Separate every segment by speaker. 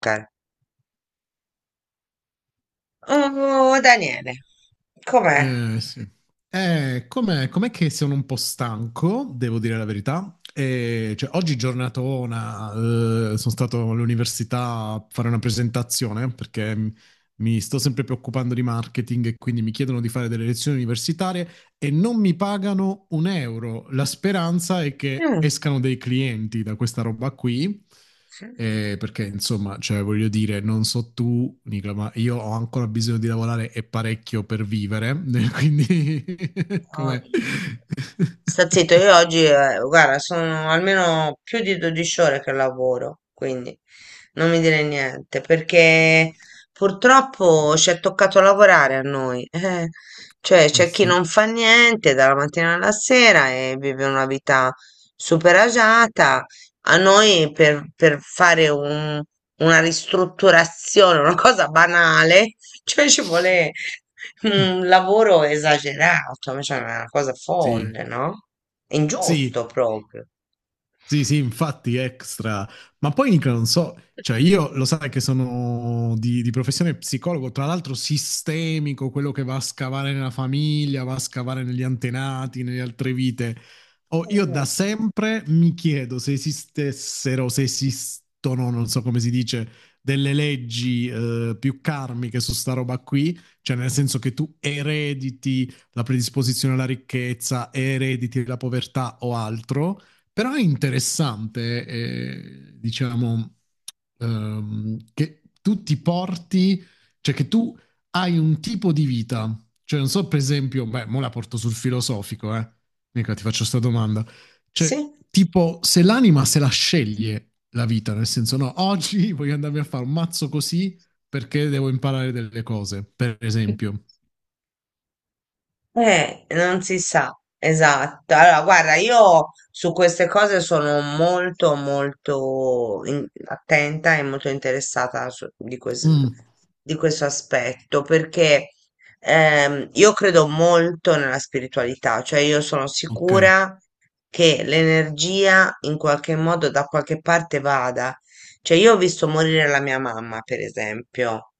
Speaker 1: Cara. Oh, Daniele, com'è?
Speaker 2: Eh, sì. Com'è che sono un po' stanco, devo dire la verità. Oggi giornatona, sono stato all'università a fare una presentazione perché mi sto sempre preoccupando di marketing e quindi mi chiedono di fare delle lezioni universitarie e non mi pagano un euro. La speranza è che
Speaker 1: Mm.
Speaker 2: escano dei clienti da questa roba qui. Voglio dire, non so tu, Nicola, ma io ho ancora bisogno di lavorare e parecchio per vivere, quindi
Speaker 1: Oh,
Speaker 2: com'è?
Speaker 1: sta zitto, io oggi, guarda, sono almeno più di 12 ore che lavoro, quindi non mi dire niente, perché purtroppo ci è toccato lavorare a noi. eh. Cioè,
Speaker 2: Eh
Speaker 1: c'è chi
Speaker 2: sì.
Speaker 1: non fa niente dalla mattina alla sera e vive una vita super agiata. A noi per fare una ristrutturazione, una cosa banale, cioè ci vuole un lavoro esagerato, cioè una cosa
Speaker 2: Sì,
Speaker 1: folle, no? È
Speaker 2: sì,
Speaker 1: ingiusto proprio.
Speaker 2: Sì, sì, infatti extra. Ma poi Nicola, non so, cioè io lo sai che sono di professione psicologo, tra l'altro sistemico, quello che va a scavare nella famiglia, va a scavare negli antenati, nelle altre vite. Oh, io da
Speaker 1: Mm.
Speaker 2: sempre mi chiedo se esistessero, se esistono, non so come si dice, delle leggi più karmiche su sta roba qui, cioè nel senso che tu erediti la predisposizione alla ricchezza, erediti la povertà o altro. Però è interessante, diciamo, che tu ti porti, cioè che tu hai un tipo di vita. Cioè, non so, per esempio, beh, mo la porto sul filosofico, eh. Mica ti faccio questa domanda.
Speaker 1: Sì.
Speaker 2: Cioè, tipo, se l'anima se la sceglie la vita, nel senso, no, oggi voglio andarmi a fare un mazzo così perché devo imparare delle cose, per esempio.
Speaker 1: Non si sa, esatto. Allora, guarda, io su queste cose sono molto, molto attenta e molto interessata
Speaker 2: Mm,
Speaker 1: di questo aspetto, perché io credo molto nella spiritualità, cioè io sono
Speaker 2: ok,
Speaker 1: sicura che l'energia in qualche modo da qualche parte vada. Cioè, io ho visto morire la mia mamma, per esempio,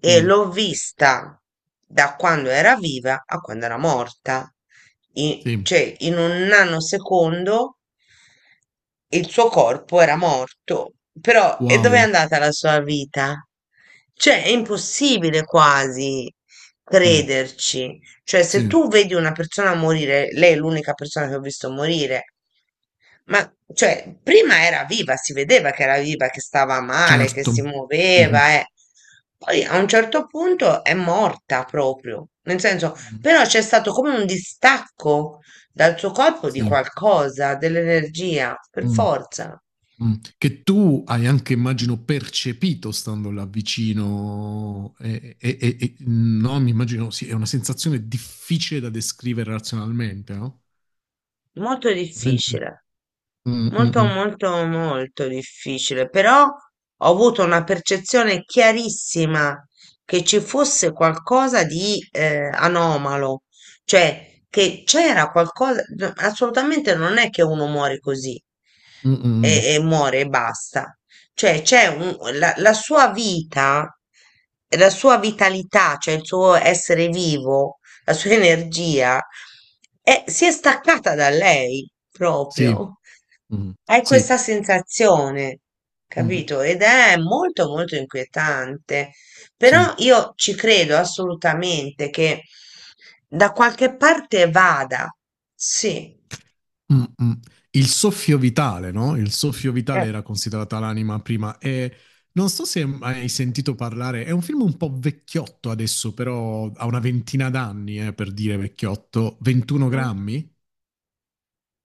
Speaker 1: e
Speaker 2: mm,
Speaker 1: l'ho vista da quando era viva a quando era morta.
Speaker 2: sì,
Speaker 1: Cioè, in un nanosecondo il suo corpo era morto. Però, e dove è
Speaker 2: wow,
Speaker 1: andata la sua vita? Cioè, è impossibile quasi
Speaker 2: sì,
Speaker 1: crederci. Cioè, se
Speaker 2: sì,
Speaker 1: tu vedi una persona morire, lei è l'unica persona che ho visto morire, ma cioè, prima era viva, si vedeva che era viva, che stava male, che
Speaker 2: certo.
Speaker 1: si
Speaker 2: Mhm.
Speaker 1: muoveva, eh. Poi a un certo punto è morta proprio, nel senso,
Speaker 2: Mm.
Speaker 1: però c'è stato come un distacco dal suo corpo di
Speaker 2: Sì.
Speaker 1: qualcosa, dell'energia, per
Speaker 2: Mm.
Speaker 1: forza.
Speaker 2: Mm. Che tu hai anche, immagino, percepito stando là vicino, no, mi immagino, sì, è una sensazione difficile da descrivere razionalmente, no?
Speaker 1: Molto
Speaker 2: Veramente.
Speaker 1: difficile.
Speaker 2: Mm, mm,
Speaker 1: Molto,
Speaker 2: mm.
Speaker 1: molto, molto difficile, però ho avuto una percezione chiarissima che ci fosse qualcosa di anomalo, cioè che c'era qualcosa, no, assolutamente non è che uno muore così
Speaker 2: Mm, mm, mm.
Speaker 1: e muore e basta, cioè la sua vita, la sua vitalità, cioè il suo essere vivo, la sua energia, si è staccata da lei
Speaker 2: Sì,
Speaker 1: proprio.
Speaker 2: Mm,
Speaker 1: Hai
Speaker 2: sì,
Speaker 1: questa sensazione,
Speaker 2: Mm,
Speaker 1: capito? Ed è molto molto inquietante.
Speaker 2: sì.
Speaker 1: Però io ci credo assolutamente che da qualche parte vada. Sì.
Speaker 2: Mm, mm. Il soffio vitale, no? Il soffio
Speaker 1: Eh.
Speaker 2: vitale era considerata l'anima prima e non so se hai sentito parlare, è un film un po' vecchiotto adesso, però ha una ventina d'anni, per dire vecchiotto, 21
Speaker 1: Mm.
Speaker 2: grammi?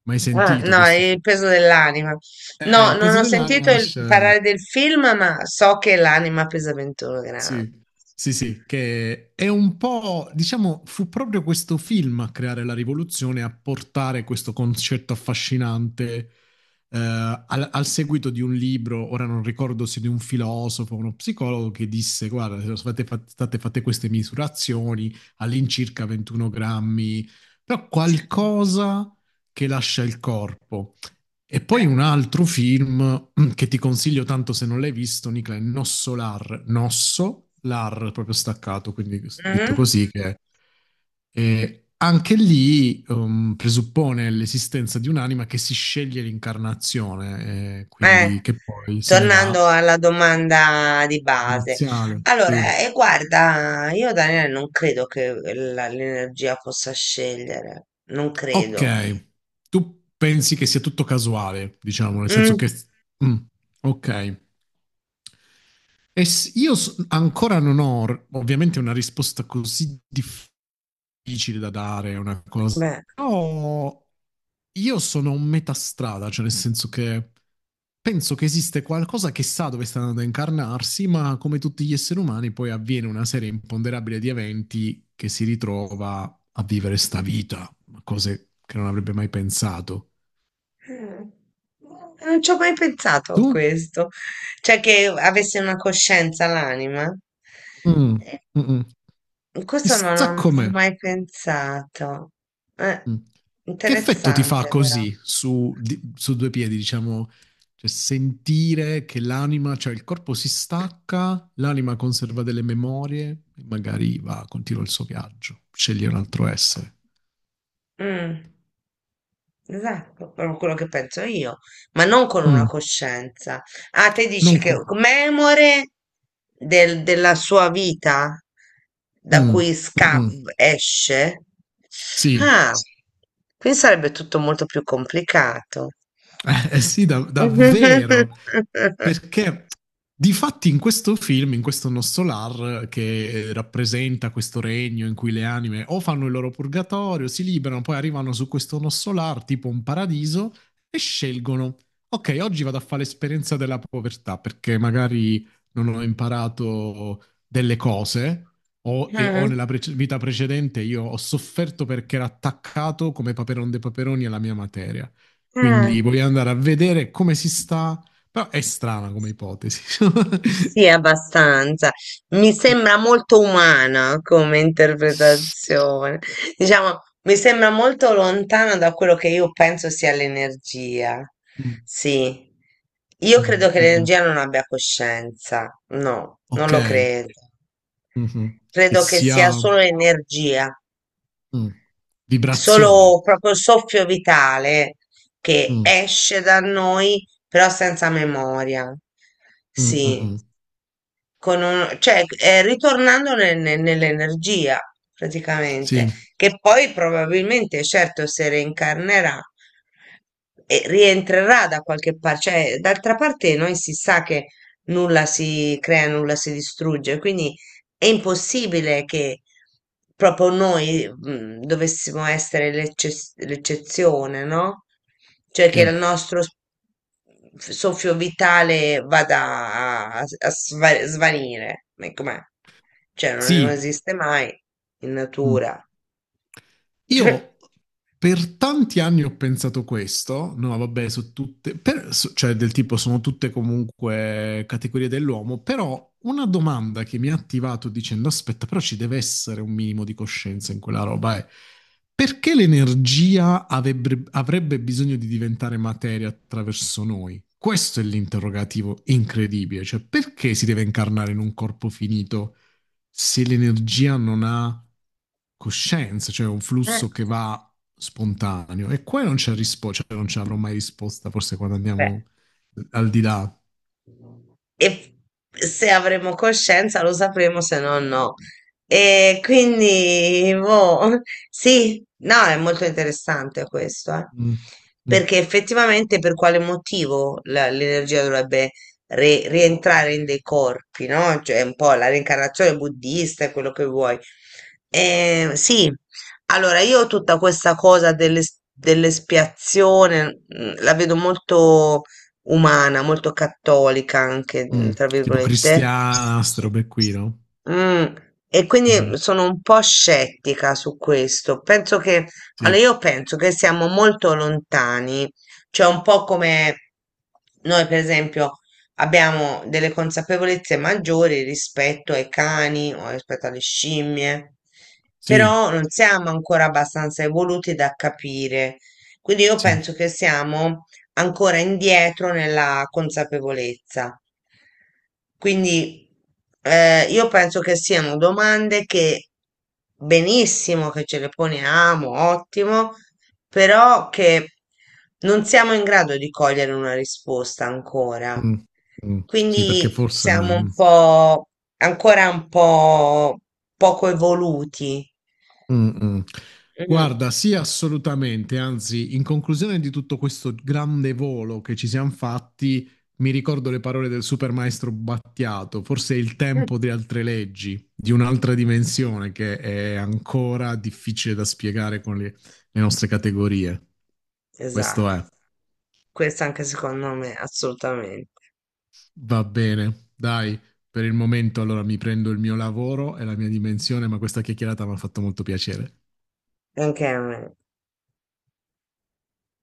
Speaker 2: Mai
Speaker 1: Ah,
Speaker 2: sentito
Speaker 1: no,
Speaker 2: questo
Speaker 1: il
Speaker 2: film?
Speaker 1: peso dell'anima. No,
Speaker 2: Il
Speaker 1: non
Speaker 2: peso
Speaker 1: ho
Speaker 2: dell'anima
Speaker 1: sentito
Speaker 2: lascia...
Speaker 1: parlare del film, ma so che l'anima pesa 21 grammi.
Speaker 2: Sì, sì, sì, che è un po', diciamo, fu proprio questo film a creare la rivoluzione, a portare questo concetto affascinante, al seguito di un libro, ora non ricordo se di un filosofo o uno psicologo, che disse, guarda, se state fa- state fatte queste misurazioni all'incirca 21 grammi, però qualcosa che lascia il corpo. E poi
Speaker 1: Eh.
Speaker 2: un altro film che ti consiglio tanto se non l'hai visto, Nicola, è Nossolar. Nosso, l'ar proprio staccato, quindi detto
Speaker 1: Mhm.
Speaker 2: così, che anche lì presuppone l'esistenza di un'anima che si sceglie l'incarnazione,
Speaker 1: Eh,
Speaker 2: quindi che poi se ne va.
Speaker 1: tornando alla domanda di base.
Speaker 2: Iniziale, sì.
Speaker 1: Allora, e guarda, io Daniele non credo che l'energia possa scegliere, non
Speaker 2: Ok,
Speaker 1: credo.
Speaker 2: tu pensi che sia tutto casuale, diciamo, nel senso
Speaker 1: Mm,
Speaker 2: che... mm, ok. Ancora non ho ovviamente una risposta così difficile da dare, è una cosa.
Speaker 1: beh,
Speaker 2: Però io sono un metà strada, cioè nel senso che penso che esiste qualcosa che sa dove sta andando a incarnarsi, ma come tutti gli esseri umani poi avviene una serie imponderabile di eventi che si ritrova a vivere sta vita, cose che non avrebbe mai pensato.
Speaker 1: mm, non ci ho mai pensato a
Speaker 2: Tu?
Speaker 1: questo, cioè che avesse una coscienza l'anima.
Speaker 2: Mm, mm,
Speaker 1: Eh,
Speaker 2: mm.
Speaker 1: Questo non, ho
Speaker 2: Chissà
Speaker 1: non ho
Speaker 2: com'è.
Speaker 1: mai pensato. Eh,
Speaker 2: Mm. Che effetto ti fa
Speaker 1: interessante però.
Speaker 2: così su, su due piedi, diciamo, cioè sentire che l'anima, cioè il corpo si stacca, l'anima conserva delle memorie e magari va, continua il suo viaggio, sceglie un altro essere.
Speaker 1: Mm. Esatto, proprio quello che penso io, ma non con una
Speaker 2: Mm.
Speaker 1: coscienza. Ah, te dici
Speaker 2: Non
Speaker 1: che
Speaker 2: co-
Speaker 1: memore della sua vita da
Speaker 2: Mm.
Speaker 1: cui sca-
Speaker 2: Mm-mm.
Speaker 1: esce?
Speaker 2: Sì,
Speaker 1: Ah, quindi sarebbe tutto molto più complicato.
Speaker 2: Sì, davvero. Perché difatti in questo film, in questo Nostolar, che rappresenta questo regno in cui le anime o fanno il loro purgatorio, si liberano, poi arrivano su questo Nostolar, tipo un paradiso, e scelgono, ok, oggi vado a fare l'esperienza della povertà, perché magari non ho imparato delle cose. O
Speaker 1: Mhm.
Speaker 2: nella vita precedente io ho sofferto perché ero attaccato come Paperon de Paperoni alla mia materia.
Speaker 1: Ah.
Speaker 2: Quindi voglio andare a vedere come si sta. Però è strana come ipotesi.
Speaker 1: Sì, abbastanza. Mi sembra molto umana come interpretazione. Diciamo, mi sembra molto lontana da quello che io penso sia l'energia.
Speaker 2: Mm,
Speaker 1: Sì. Io
Speaker 2: mm,
Speaker 1: credo che
Speaker 2: mm.
Speaker 1: l'energia non abbia coscienza. No, non
Speaker 2: Ok,
Speaker 1: lo credo.
Speaker 2: Mhm. Che
Speaker 1: Credo che sia
Speaker 2: sia mm,
Speaker 1: solo energia,
Speaker 2: vibrazione.
Speaker 1: solo proprio soffio vitale che
Speaker 2: Mm,
Speaker 1: esce da noi, però senza memoria.
Speaker 2: mm, mm,
Speaker 1: Sì.
Speaker 2: mm.
Speaker 1: Con cioè, nell'energia
Speaker 2: Sì,
Speaker 1: praticamente, che poi probabilmente, certo, se reincarnerà e rientrerà da qualche parte, cioè, d'altra parte noi si sa che nulla si crea, nulla si distrugge, quindi è impossibile che proprio noi, dovessimo essere l'eccezione, no? Cioè che
Speaker 2: sì,
Speaker 1: soffio vitale vada a svanire. Ma com'è? Cioè non, non
Speaker 2: sì.
Speaker 1: esiste mai in
Speaker 2: Mm.
Speaker 1: natura. Cioè,
Speaker 2: Io per tanti anni ho pensato questo, no, vabbè, su tutte, cioè del tipo sono tutte comunque categorie dell'uomo, però una domanda che mi ha attivato dicendo aspetta, però ci deve essere un minimo di coscienza in quella roba è perché l'energia avrebbe bisogno di diventare materia attraverso noi? Questo è l'interrogativo incredibile, cioè perché si deve incarnare in un corpo finito? Se l'energia non ha coscienza, cioè un
Speaker 1: eh,
Speaker 2: flusso che va spontaneo. E qua non c'è risposta, cioè non ci avrò mai risposta, forse quando
Speaker 1: beh.
Speaker 2: andiamo al di là.
Speaker 1: E se avremo coscienza lo sapremo, se no no. E quindi, boh, sì, no, è molto interessante questo, eh.
Speaker 2: Mm. Mm.
Speaker 1: Perché effettivamente per quale motivo l'energia dovrebbe rientrare in dei corpi, no? Cioè, un po' la reincarnazione buddista e quello che vuoi. Sì, allora io tutta questa cosa dell'espiazione la vedo molto umana, molto cattolica anche, mhmm,
Speaker 2: Mm.
Speaker 1: tra
Speaker 2: Tipo
Speaker 1: virgolette.
Speaker 2: cristiana, ste robe qui, no?
Speaker 1: Mh, e
Speaker 2: Mhm.
Speaker 1: quindi sono un po' scettica su questo. Penso che, allora
Speaker 2: Sì,
Speaker 1: io penso che siamo molto lontani, cioè un po' come noi per esempio abbiamo delle consapevolezze maggiori rispetto ai cani o rispetto alle scimmie,
Speaker 2: sì,
Speaker 1: però non siamo ancora abbastanza evoluti da capire. Quindi io
Speaker 2: sì,
Speaker 1: penso che siamo ancora indietro nella consapevolezza. Quindi io penso che siano domande che benissimo che ce le poniamo, ottimo, però che non siamo in grado di cogliere una risposta ancora.
Speaker 2: Mm. Mm. Sì, perché
Speaker 1: Quindi
Speaker 2: forse...
Speaker 1: siamo un
Speaker 2: mm,
Speaker 1: po' ancora un po' poco evoluti.
Speaker 2: Mm, mm.
Speaker 1: Mm.
Speaker 2: Guarda, sì, assolutamente. Anzi, in conclusione di tutto questo grande volo che ci siamo fatti, mi ricordo le parole del supermaestro Battiato. Forse è il
Speaker 1: Mm.
Speaker 2: tempo di altre leggi, di un'altra dimensione che è ancora difficile da spiegare con le nostre categorie. Questo
Speaker 1: Esatto,
Speaker 2: è.
Speaker 1: questo anche secondo me, assolutamente,
Speaker 2: Va bene, dai, per il momento allora mi prendo il mio lavoro e la mia dimensione, ma questa chiacchierata mi ha fatto molto piacere.
Speaker 1: anche a me.